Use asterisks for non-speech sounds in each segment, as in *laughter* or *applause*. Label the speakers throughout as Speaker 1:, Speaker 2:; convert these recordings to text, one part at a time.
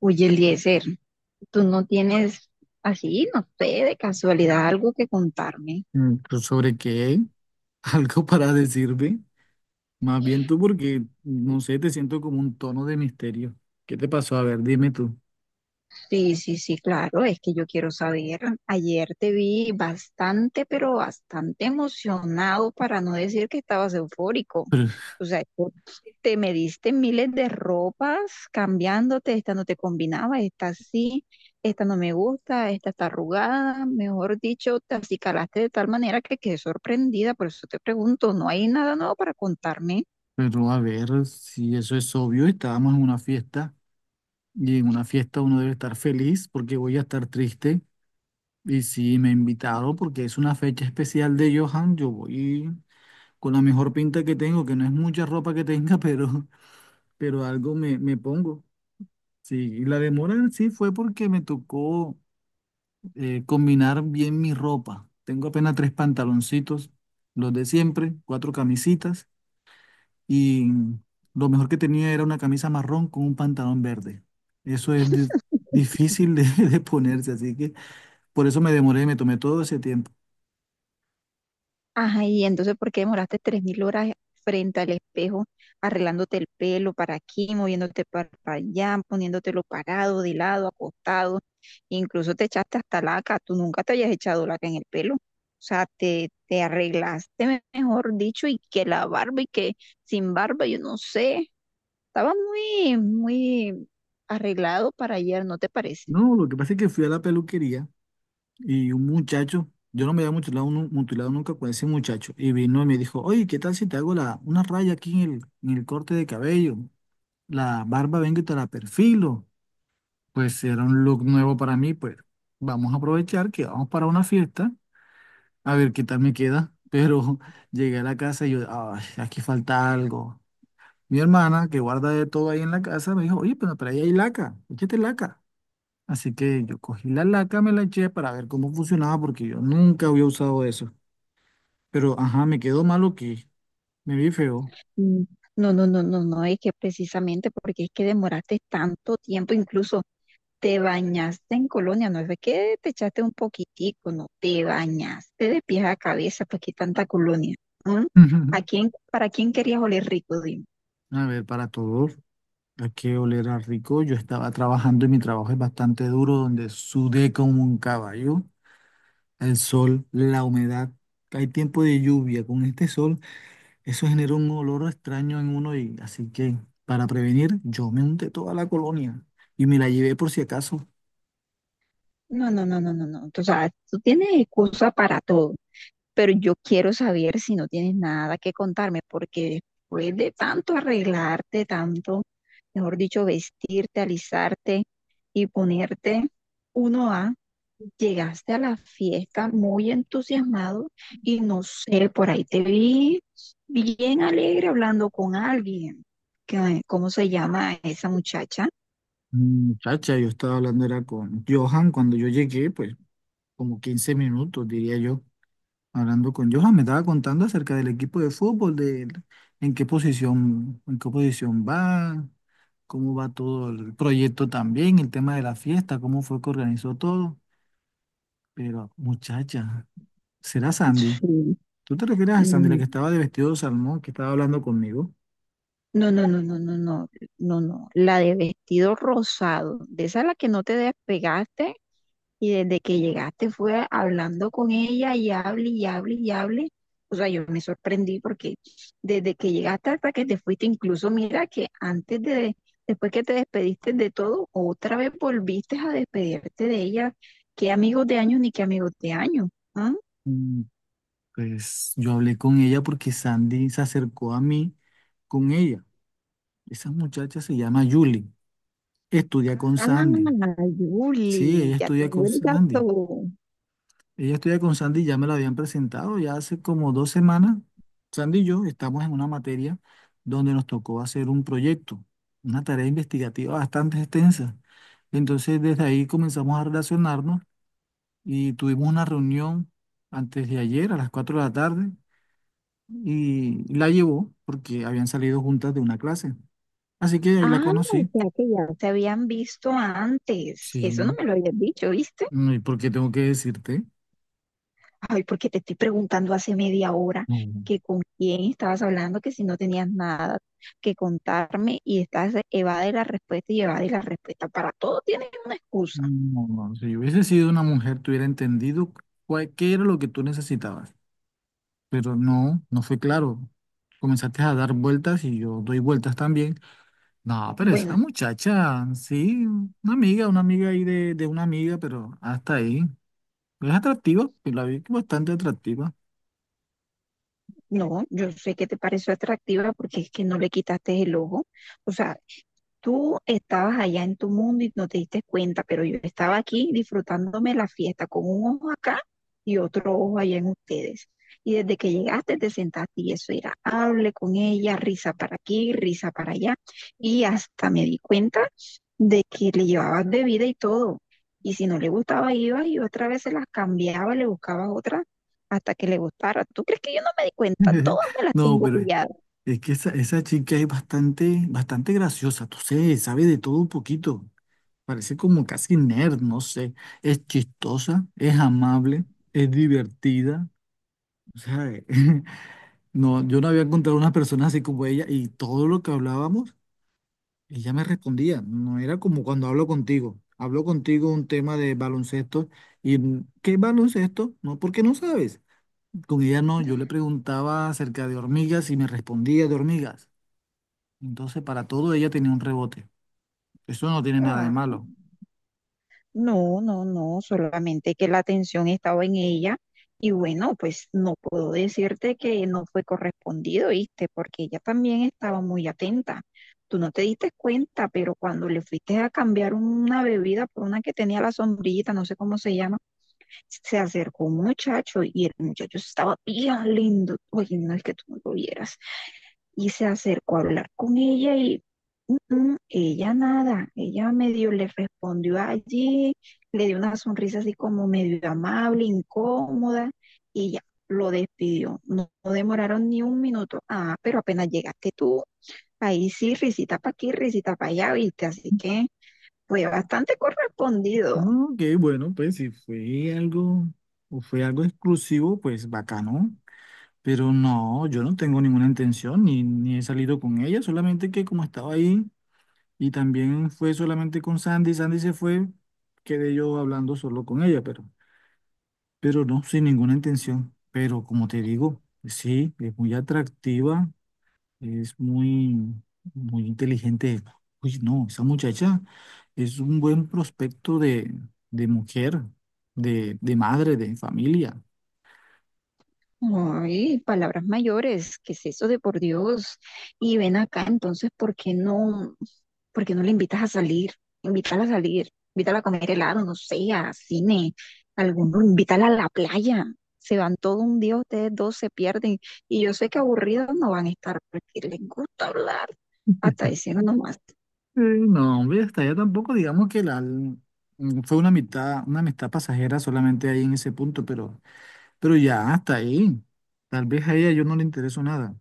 Speaker 1: Oye, Eliezer, tú no tienes así, no sé, de casualidad algo que contarme.
Speaker 2: Mm, pues, ¿sobre qué? *laughs* ¿Algo para decirme? Más bien tú, porque no sé, te siento como un tono de misterio. ¿Qué te pasó? A ver, dime tú.
Speaker 1: Sí, sí, sí, claro, es que yo quiero saber. Ayer te vi bastante, pero bastante emocionado, para no decir que estabas eufórico.
Speaker 2: Pero,
Speaker 1: O sea, tú te me miles de ropas cambiándote, esta no te combinaba, esta sí, esta no me gusta, esta está arrugada. Mejor dicho, te acicalaste de tal manera que quedé sorprendida, por eso te pregunto, ¿no hay nada nuevo para contarme?
Speaker 2: pero a ver, si eso es obvio, estábamos en una fiesta y en una fiesta uno debe estar feliz porque voy a estar triste. Y si me invitaron porque es una fecha especial de Johan, yo voy con la mejor pinta que tengo, que no es mucha ropa que tenga, *laughs* pero algo me pongo. Sí, y la demora en sí fue porque me tocó combinar bien mi ropa. Tengo apenas tres pantaloncitos, los de siempre, cuatro camisitas y lo mejor que tenía era una camisa marrón con un pantalón verde. Eso es difícil de, *laughs* de ponerse, así que por eso me demoré, me tomé todo ese tiempo.
Speaker 1: Ajá, y entonces, ¿por qué demoraste 3.000 horas frente al espejo, arreglándote el pelo para aquí, moviéndote para allá, poniéndotelo parado, de lado, acostado? Incluso te echaste hasta laca, tú nunca te habías echado laca en el pelo. O sea, te arreglaste, mejor dicho, y que la barba y que sin barba, yo no sé. Estaba muy arreglado para ayer, ¿no te parece?
Speaker 2: No, lo que pasa es que fui a la peluquería y un muchacho, yo no me había mutilado, mutilado nunca con ese muchacho, y vino y me dijo, oye, ¿qué tal si te hago una raya aquí en en el corte de cabello? La barba vengo y te la perfilo. Pues si era un look nuevo para mí, pues vamos a aprovechar que vamos para una fiesta, a ver qué tal me queda. Pero *laughs* llegué a la casa y yo, ay, aquí falta algo. Mi hermana, que guarda de todo ahí en la casa, me dijo, oye, pero ahí hay laca, échate laca. Así que yo cogí la laca, me la eché para ver cómo funcionaba, porque yo nunca había usado eso. Pero, ajá, me quedó malo que me vi feo.
Speaker 1: Mm. No, no, no, no, no, es que precisamente porque es que demoraste tanto tiempo, incluso. Te bañaste en colonia, no es de que te echaste un poquitico, no, te bañaste de pies a cabeza, pues qué tanta colonia. ¿Mm? ¿A
Speaker 2: *laughs*
Speaker 1: quién, para quién querías oler rico, dime?
Speaker 2: A ver, para todos, hay que oler a rico. Yo estaba trabajando y mi trabajo es bastante duro, donde sudé como un caballo al sol, la humedad. Hay tiempo de lluvia con este sol, eso genera un olor extraño en uno, y así que para prevenir yo me unté toda la colonia y me la llevé por si acaso.
Speaker 1: No, no, no, no, no, no. O sea, tú tienes excusa para todo, pero yo quiero saber si no tienes nada que contarme, porque después de tanto arreglarte, tanto, mejor dicho, vestirte, alisarte y ponerte uno a llegaste a la fiesta muy entusiasmado y no sé, por ahí te vi bien alegre hablando con alguien. ¿Cómo se llama esa muchacha?
Speaker 2: Muchacha, yo estaba hablando era con Johan cuando yo llegué, pues como 15 minutos diría yo, hablando con Johan, me estaba contando acerca del equipo de fútbol, de en qué posición va, cómo va todo el proyecto también, el tema de la fiesta, cómo fue que organizó todo. Pero muchacha, ¿será Sandy?
Speaker 1: Sí.
Speaker 2: ¿Tú te refieres a Sandy, la que
Speaker 1: Mm.
Speaker 2: estaba de vestido de salmón, que estaba hablando conmigo?
Speaker 1: No, no, no, no, no, no, no, no. La de vestido rosado, de esa a la que no te despegaste. Y desde que llegaste fue hablando con ella y hable y hable y hable. O sea, yo me sorprendí porque desde que llegaste hasta que te fuiste, incluso mira que después que te despediste de todo, otra vez volviste a despedirte de ella. Qué amigos de años ni qué amigos de años. ¿Ah?
Speaker 2: Mm. Pues yo hablé con ella porque Sandy se acercó a mí con ella. Esa muchacha se llama Julie. Estudia con
Speaker 1: Ah,
Speaker 2: Sandy. Sí,
Speaker 1: Yuli,
Speaker 2: ella
Speaker 1: ya
Speaker 2: estudia
Speaker 1: tengo
Speaker 2: con
Speaker 1: el
Speaker 2: Sandy.
Speaker 1: dato.
Speaker 2: Ella estudia con Sandy, ya me la habían presentado ya hace como 2 semanas. Sandy y yo estamos en una materia donde nos tocó hacer un proyecto, una tarea investigativa bastante extensa. Entonces, desde ahí comenzamos a relacionarnos y tuvimos una reunión antes de ayer a las 4 de la tarde y la llevó porque habían salido juntas de una clase. Así que ahí la
Speaker 1: Ah, o
Speaker 2: conocí.
Speaker 1: sea que ya se habían visto antes.
Speaker 2: Sí,
Speaker 1: Eso no me lo habías dicho, ¿viste?
Speaker 2: ¿y por qué tengo que decirte?
Speaker 1: Ay, porque te estoy preguntando hace media hora
Speaker 2: No,
Speaker 1: que con quién estabas hablando, que si no tenías nada que contarme y estás evade la respuesta y evade la respuesta. Para todo tienes una excusa.
Speaker 2: no. Si yo hubiese sido una mujer, te hubiera entendido qué era lo que tú necesitabas. Pero no, no fue claro. Comenzaste a dar vueltas y yo doy vueltas también. No, pero es
Speaker 1: Bueno,
Speaker 2: una muchacha, sí, una amiga ahí de una amiga, pero hasta ahí. Es atractiva, pues la vi bastante atractiva.
Speaker 1: no, yo sé que te pareció atractiva porque es que no le quitaste el ojo. O sea, tú estabas allá en tu mundo y no te diste cuenta, pero yo estaba aquí disfrutándome la fiesta con un ojo acá y otro ojo allá en ustedes. Y desde que llegaste te sentaste y eso era, hable con ella, risa para aquí, risa para allá. Y hasta me di cuenta de que le llevabas bebida y todo. Y si no le gustaba, ibas y otra vez se las cambiaba, le buscabas otra hasta que le gustara. ¿Tú crees que yo no me di cuenta?
Speaker 2: *laughs*
Speaker 1: Todas me las
Speaker 2: No,
Speaker 1: tengo
Speaker 2: pero
Speaker 1: pilladas.
Speaker 2: es que esa chica es bastante graciosa, tú sé, sabe de todo un poquito. Parece como casi nerd, no sé. Es chistosa, es amable, es divertida. O sea, *laughs* no, yo no había encontrado una persona así como ella, y todo lo que hablábamos, ella me respondía. No era como cuando hablo contigo. Hablo contigo un tema de baloncesto y mm, ¿qué baloncesto? No, porque no sabes. Con ella no, yo le preguntaba acerca de hormigas y me respondía de hormigas. Entonces, para todo ella tenía un rebote. Eso no tiene nada de malo.
Speaker 1: No, no, no, solamente que la atención estaba en ella y bueno, pues no puedo decirte que no fue correspondido, ¿viste? Porque ella también estaba muy atenta. Tú no te diste cuenta, pero cuando le fuiste a cambiar una bebida por una que tenía la sombrillita, no sé cómo se llama, se acercó un muchacho y el muchacho estaba bien lindo. Oye, no es que tú no lo vieras y se acercó a hablar con ella y "Mm, mm, ella nada, ella medio le respondió allí, le dio una sonrisa así como medio amable, incómoda y ya lo despidió. No, no demoraron ni un minuto. Ah, pero apenas llegaste tú, ahí sí, risita para aquí, risita para allá, viste, así que fue bastante correspondido.
Speaker 2: No, ok, bueno, pues si fue algo o fue algo exclusivo, pues bacano. Pero no, yo no tengo ninguna intención ni he salido con ella, solamente que como estaba ahí, y también fue solamente con Sandy, Sandy se fue, quedé yo hablando solo con ella, pero no, sin ninguna intención. Pero como te digo, sí, es muy atractiva. Es muy inteligente. Uy, no, esa muchacha es un buen prospecto de mujer, de madre, de familia.
Speaker 1: Ay, palabras mayores, ¿qué es eso de por Dios? Y ven acá, entonces, por qué no le invitas a salir? Invítala a salir, invítala a comer helado, no sé, a cine, alguno, invítala a la playa. Se van todo un día, ustedes dos se pierden. Y yo sé que aburridos no van a estar porque les gusta hablar, hasta diciendo nomás.
Speaker 2: Eh, no, hombre, hasta allá tampoco, digamos que fue una amistad pasajera solamente ahí en ese punto, pero ya hasta ahí. Tal vez a ella yo no le intereso nada.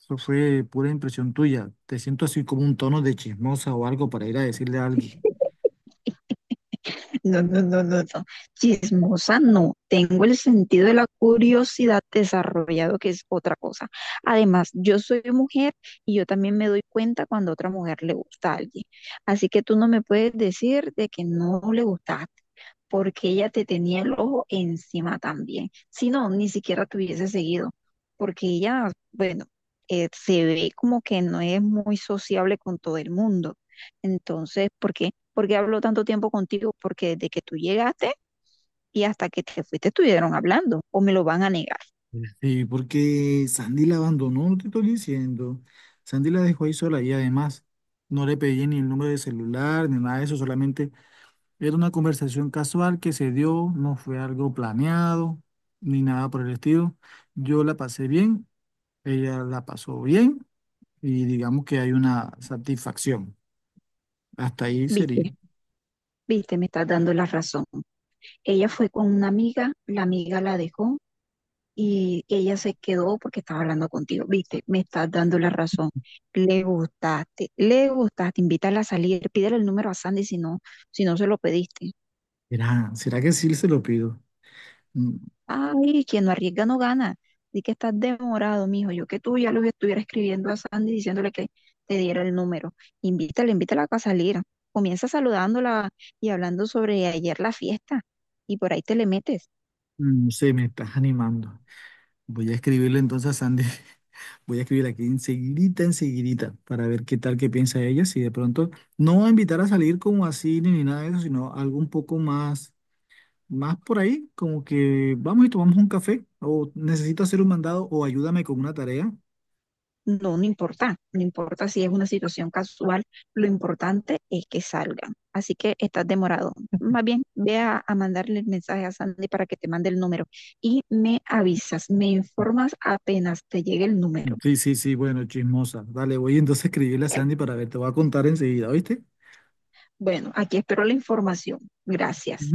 Speaker 2: Eso fue pura impresión tuya. Te siento así como un tono de chismosa o algo para ir a decirle a alguien.
Speaker 1: No, no, no, no, no. Chismosa no. Tengo el sentido de la curiosidad desarrollado, que es otra cosa. Además, yo soy mujer y yo también me doy cuenta cuando a otra mujer le gusta a alguien. Así que tú no me puedes decir de que no le gustaste, porque ella te tenía el ojo encima también. Si no, ni siquiera te hubiese seguido, porque ella, bueno, se ve como que no es muy sociable con todo el mundo. Entonces, ¿por qué? ¿Por qué habló tanto tiempo contigo? Porque desde que tú llegaste y hasta que te fuiste estuvieron hablando o me lo van a negar.
Speaker 2: Sí, porque Sandy la abandonó, no te estoy diciendo. Sandy la dejó ahí sola y además no le pedí ni el número de celular ni nada de eso, solamente era una conversación casual que se dio, no fue algo planeado ni nada por el estilo. Yo la pasé bien, ella la pasó bien y digamos que hay una satisfacción. Hasta ahí sería.
Speaker 1: Viste, viste, me estás dando la razón. Ella fue con una amiga la dejó y ella se quedó porque estaba hablando contigo. Viste, me estás dando la razón. Le gustaste, invítala a salir, pídele el número a Sandy si no, si no se lo pediste.
Speaker 2: Será, ¿será que sí se lo pido? Mm.
Speaker 1: Ay, quien no arriesga no gana. Di que estás demorado, mijo. Yo que tú ya los estuviera escribiendo a Sandy diciéndole que te diera el número. Invítala, invítala a salir. Comienza saludándola y hablando sobre ayer la fiesta. Y por ahí te le metes.
Speaker 2: No sé, me estás animando. Voy a escribirle entonces a Sandy. *laughs* Voy a escribirle aquí enseguidita, enseguidita, para ver qué tal, qué piensa ella. Si de pronto no a invitar a salir como así ni nada de eso, sino algo un poco más, más por ahí, como que vamos y tomamos un café, o necesito hacer un mandado, o ayúdame con una tarea.
Speaker 1: No, no importa. No importa si es una situación casual. Lo importante es que salgan. Así que estás demorado. Más bien, ve a mandarle el mensaje a Sandy para que te mande el número. Y me avisas, me informas apenas te llegue el número.
Speaker 2: Sí, sí, sí, bueno, chismosa. Dale, voy entonces a escribirle a Sandy para ver, te voy a contar enseguida, ¿oíste?
Speaker 1: Bueno, aquí espero la información. Gracias.